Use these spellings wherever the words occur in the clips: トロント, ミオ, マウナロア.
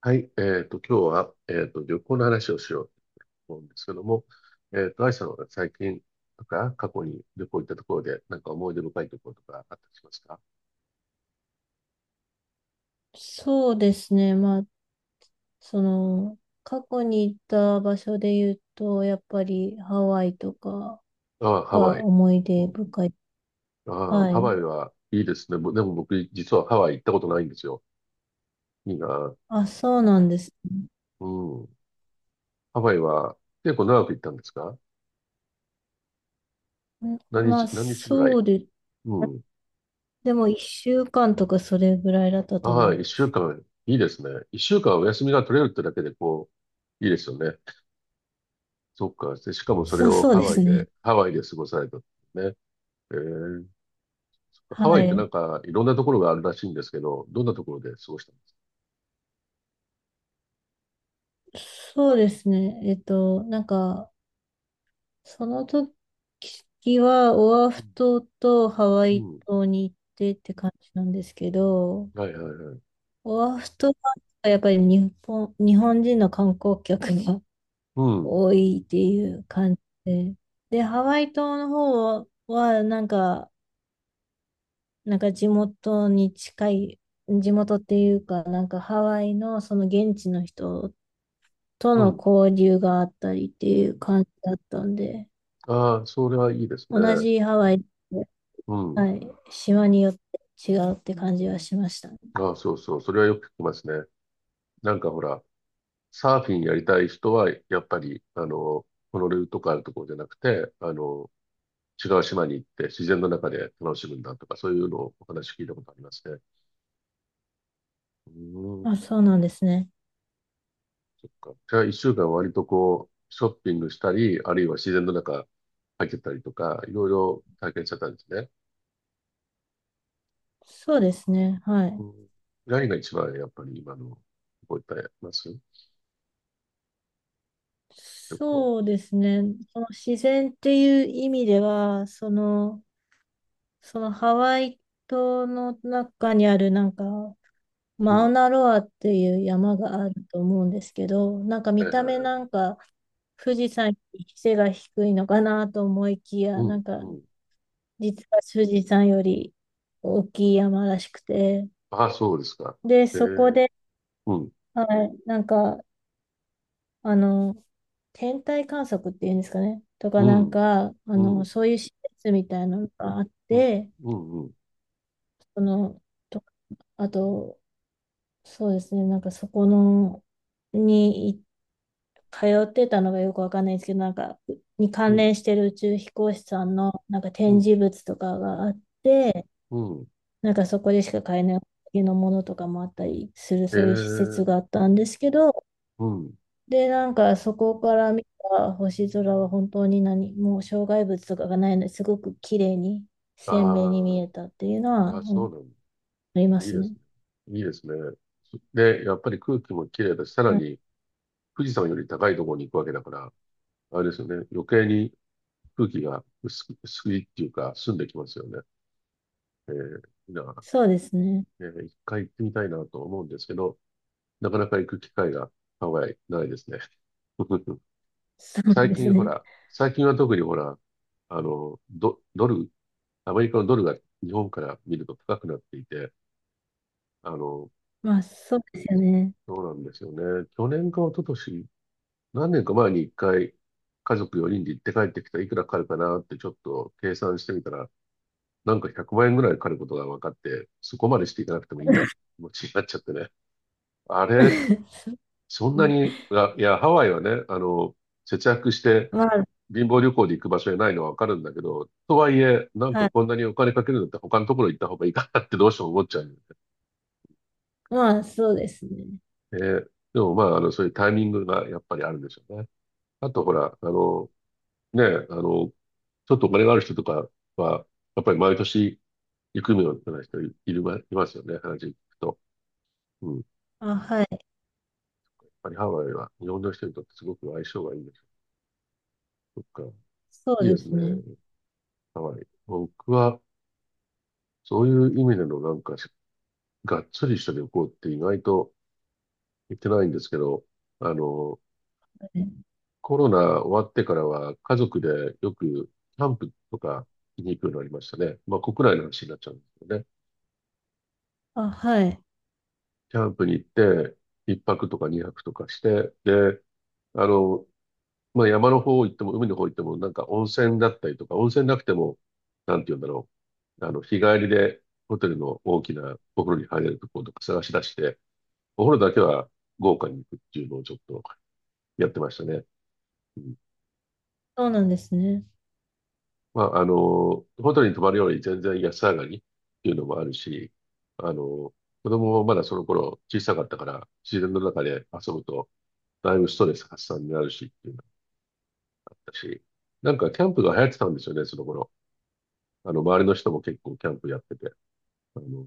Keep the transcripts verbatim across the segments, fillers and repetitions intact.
はい。えっと、今日は、えっと、旅行の話をしようと思うんですけども、えっと、愛さんは最近とか、過去に旅行行ったところで、なんか思い出深いところとかあったりしますか？そうですね。まあ、その、過去に行った場所で言うと、やっぱりハワイとかああ、ハワがイ。思いう出ん。深い。ああ、はハワい。イはいいですね。ぼでも僕、実はハワイ行ったことないんですよ。いいな。あ、そうなんですね。うん。ハワイは結構長く行ったんですか？ん何ま日、あ、何日ぐらそい？うで、うん。でもいっしゅうかんとかそれぐらいだったと思ああ、い一ま週す。間。いいですね。一週間お休みが取れるってだけで、こう、いいですよね。そっか。で、しかもそれそう、をそうハでワイすね。で、ハワイで過ごされたんですね。えー、ハはワイってない。んかいろんなところがあるらしいんですけど、どんなところで過ごしたんですか？そうですね。えっと、なんか、その時はオアフ島とハワうイん。うん、島に行ってって感じなんですけど、はいはいはい。オアフ島はやっぱり日本、日本人の観光客が う ん。多いっていう感じで。で、ハワイ島の方はなんか、なんか地元に近い、地元っていうか、なんかハワイのその現地の人とうのん。交流があったりっていう感じだったんで、ああ、それはいいですね。同じハワイで、うん。はい、島によって違うって感じはしましたね。ああ、そうそう。それはよく聞きますね。なんかほら、サーフィンやりたい人は、やっぱり、あの、ホノルルとかあるところじゃなくて、あの、違う島に行って自然の中で楽しむんだとか、そういうのをお話聞いたことありますね。うん。あ、そうなんですね。そっか。じゃあ、一週間割とこう、ショッピングしたり、あるいは自然の中入ってたりとか、いろいろ体験しちゃったんですね。そうですね。はうい。ん。何が一番やっぱり今の、覚えてます？旅行。そうですね。その自然っていう意味では、その、そのハワイ島の中にあるなんか、うん。マウはナロアっていう山があると思うんですけど、なんかい見はいた目はない。んか、富士山より背が低いのかなと思いきや、うなん、んか、うん。実は富士山より大きい山らしくて、ああ、そうですか。で、ええ、そこで、うん、はい、なんか、あの、天体観測っていうんですかね。とか、うなんん、か、あうの、ん、そういう施設みたいなのがあっうん、て、うん、うん、その、と、あと、そうですね、なんかそこの、にい通ってたのがよくわかんないんですけど、なんか、にう関ん、連してる宇宙飛行士さんの、なんかう展ん。示物とかがあって、うん、なんかそこでしか買えないものとかもあったりする、そういう施設があええ、ったんですけど、うん。で、なんかそこから見た星空は本当に何も障害物とかがないのですごく綺麗にあ鮮明に見あ、えたっていうのは、ああ、うそんうなんだ。ありまいいすでね。すね。いいですね。で、やっぱり空気も綺麗だし、さらはい、に、富士山より高いところに行くわけだから、あれですよね。余計に空気が薄く、薄いっていうか、澄んできますよね。えー、だかそうですね。ら、えー一回行ってみたいなと思うんですけど、なかなか行く機会がハワイないですね。そう最です近ほね。ら、最近は特にほら、あの、ド、ドル、アメリカのドルが日本から見ると高くなっていて、あの、まあそうですよね。そうなんですよね。去年か一昨年何年か前に一回、家族よにんで行って帰ってきたらいくらかかるかなってちょっと計算してみたら、なんかひゃくまん円ぐらいかかることが分かって、そこまでしていかなくてもいいや、気持ちになっちゃってね。そうあれ、ですそんなねに、あいや、ハワイはね、あの、節約してまあ、貧乏旅行で行く場所じゃないのは分かるんだけど、とはいえ、なんかはい。こんなにお金かけるんだって他のところ行った方がいいかなってどうしても思っちゃうんだよまあそうですね。ね。で、でもまあ、あの、そういうタイミングがやっぱりあるんでしょうね。あとほら、あの、ね、あの、ちょっとお金がある人とかは、やっぱり毎年行くのような人いるま、いますよね、話聞くと。うん。やっあ、はい。ぱりハワイは日本の人にとってすごく相性がいいんですよ。そっか。そういいでですすね、ね。ハワイ。僕は、そういう意味でのなんか、がっつりした旅行って意外と行ってないんですけど、あの、はいコロナ終わってからは家族でよくキャンプとかに行くようになりましたね。まあ国内の話になっちゃうんですよね。あ、はい。キャンプに行って、いっぱくとかにはくとかして、で、あの、まあ、山の方行っても、海の方行っても、なんか温泉だったりとか、温泉なくても、なんて言うんだろう。あの、日帰りでホテルの大きなお風呂に入れるところとか探し出して、お風呂だけは豪華に行くっていうのをちょっとやってましたね。うん、そうなんですね。まあ、あの、ホテルに泊まるより全然安上がりっていうのもあるし、あの、子供もまだその頃小さかったから、自然の中で遊ぶと、だいぶストレス発散になるしっていうのがあったし、なんかキャンプが流行ってたんですよね、その頃。あの、周りの人も結構キャンプやってて、あの、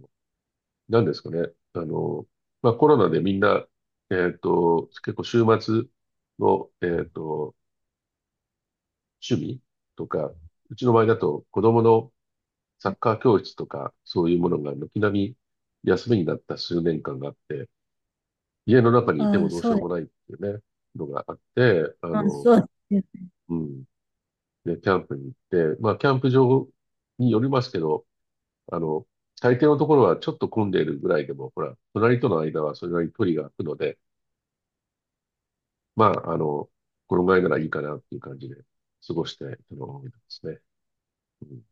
何ですかね。あの、まあ、コロナでみんな、えっと、結構週末の、えっと、趣味とか、うちの場合だと子供のサッカー教室とか、そういうものが軒並み休みになった数年間があって、家の中にいてもあ、どうしそうようでもなす。いっていうね、のがあって、あまあの、そうですよね。うん、で、キャンプに行って、まあ、キャンプ場によりますけど、あの、大抵のところはちょっと混んでいるぐらいでも、ほら、隣との間はそれなりに距離が空くので、まあ、あの、このぐらいならいいかなっていう感じで過ごしてるのが多いですね。うん、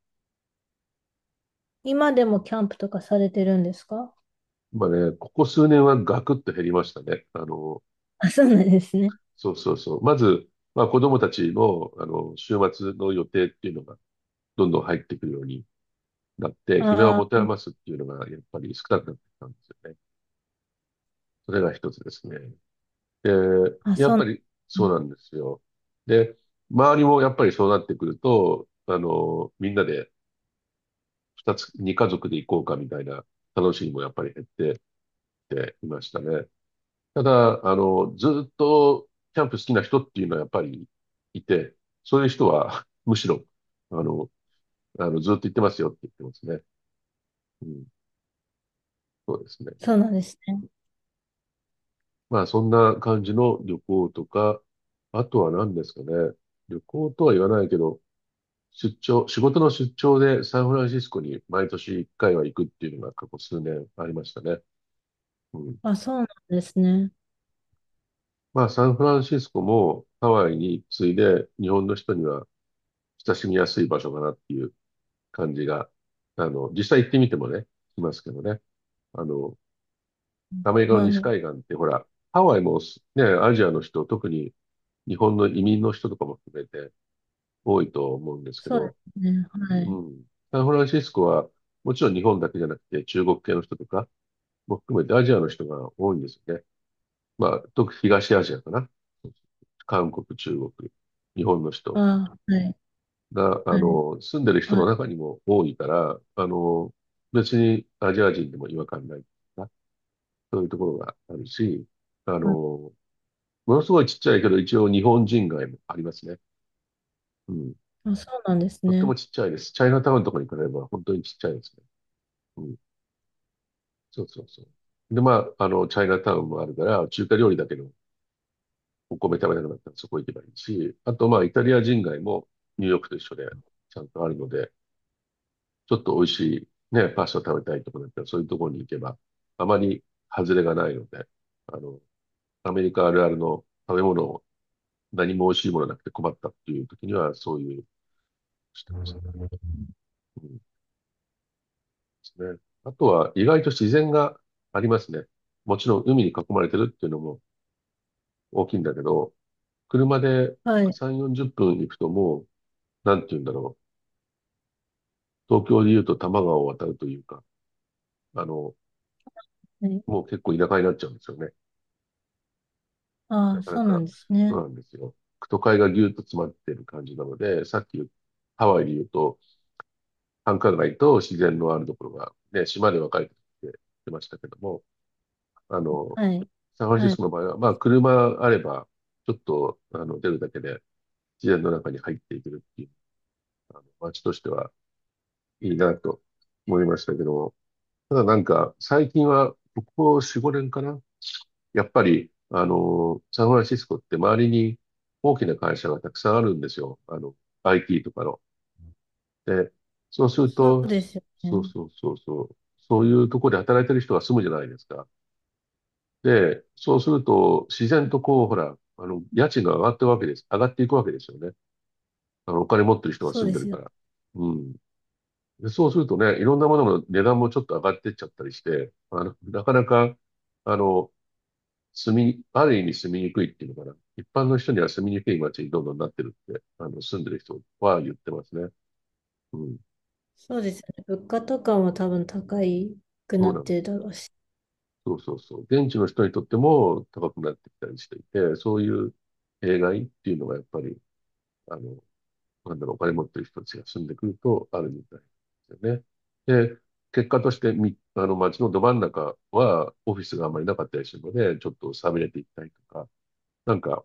今でもキャンプとかされてるんですか？まあね、ここ数年はガクッと減りましたね。あの、あ、そうなんですね。そうそうそう。まず、まあ子供たちの、あの、週末の予定っていうのがどんどん入ってくるようになって、暇をあ持てー余すっていうのがやっぱり少なくなってきたんですよね。それが一つですね。で、あ、やっそぱうりうそうんなんですよ。で、周りもやっぱりそうなってくると、あの、みんなで二つ、二家族で行こうかみたいな楽しみもやっぱり減ってきていましたね。ただ、あの、ずっとキャンプ好きな人っていうのはやっぱりいて、そういう人は むしろ、あの、あの、ずっと行ってますよって言ってますね。うん、そうですね。そうなんですね。まあ、そんな感じの旅行とか、あとは何ですかね。旅行とは言わないけど、出張、仕事の出張でサンフランシスコに毎年いっかいは行くっていうのが過去数年ありましたね。うん。あ、そうなんですね。まあ、サンフランシスコもハワイに次いで日本の人には親しみやすい場所かなっていう感じが、あの、実際行ってみてもね、しますけどね。あの、アメリカのは西い。海岸ってほら、ハワイもすね、アジアの人、特に日本の移民の人とかも含めて多いと思うんですけそうでど、すね。はい。うん。サンフランシスコはもちろん日本だけじゃなくて中国系の人とか、も含めてアジアの人が多いんですよね。まあ、特に東アジアかな。韓国、中国、日本のあ、人はい。が、あはい。の、住んでる人はのい。中にも多いから、あの、別にアジア人でも違和感ないな、そういうところがあるし、ああ、の、ものすごいちっちゃいけど、一応日本人街もありますね。うん。あそうなんですとってもね。ちっちゃいです。チャイナタウンとかに比べれば本当にちっちゃいですね。うん。そうそうそう。で、まあ、あの、チャイナタウンもあるから、中華料理だけどお米食べなくなったらそこ行けばいいし、あとまあイタリア人街もニューヨークと一緒でちゃんとあるので、ちょっと美味しいね、パスタ食べたいとこだったらそういうところに行けば、あまり外れがないので、あの、アメリカあるあるの食べ物を何も美味しいものなくて困ったっていう時にはそういうしてます。うんですね。あとは意外と自然がありますね。もちろん海に囲まれてるっていうのも大きいんだけど、車ではい。さん、よんじゅっぷん行くともう、なんて言うんだろう。東京で言うと多摩川を渡るというか、あの、はい。もう結構田舎になっちゃうんですよね。なあ、かなそうなか、んですそね。うなんですよ。都会がぎゅっと詰まってる感じなので、さっき言うハワイで言うと、繁華街と自然のあるところが、ね、島で分かれてきてましたけども、あの、はい。サンフランシはスい。コの場合は、まあ、車あれば、ちょっと、あの、出るだけで、自然の中に入っていけるっていう、あの、街としてはいいなと思いましたけども、ただなんか、最近は、ここよん、ごねんかな、やっぱり、あの、サンフランシスコって周りに大きな会社がたくさんあるんですよ。あの、アイティー とかの。で、そうするそと、うですよそうね。そうそうそう、そういうところで働いてる人が住むじゃないですか。で、そうすると、自然とこう、ほら、あの、家賃が上がってるわけです。上がっていくわけですよね。あの、お金持ってる人がそう住んででするかよ。ら。うん。で、そうするとね、いろんなものの値段もちょっと上がってっちゃったりして、あの、なかなか、あの、住み、ある意味住みにくいっていうのかな。一般の人には住みにくい街にどんどんなってるって、あの、住んでる人は言ってますね。うん。そうですよね。物価とかも多分高くそなうなっんてでるすだろよ。うし。そうそうそう。現地の人にとっても高くなってきたりしていて、そういう弊害っていうのがやっぱり、あの、なんだろう、お金持ってる人たちが住んでくるとあるみたいですよね。で、結果としてみ、あの、街のど真ん中はオフィスがあんまりなかったりするので、ちょっと寂れていったりとか、なんか、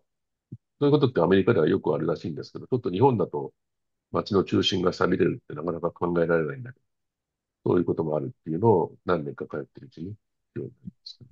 そういうことってアメリカではよくあるらしいんですけど、ちょっと日本だと、街の中心が錆びれるってなかなか考えられないんだけど、そういうこともあるっていうのを何年か通ってるうちに、ようになりました。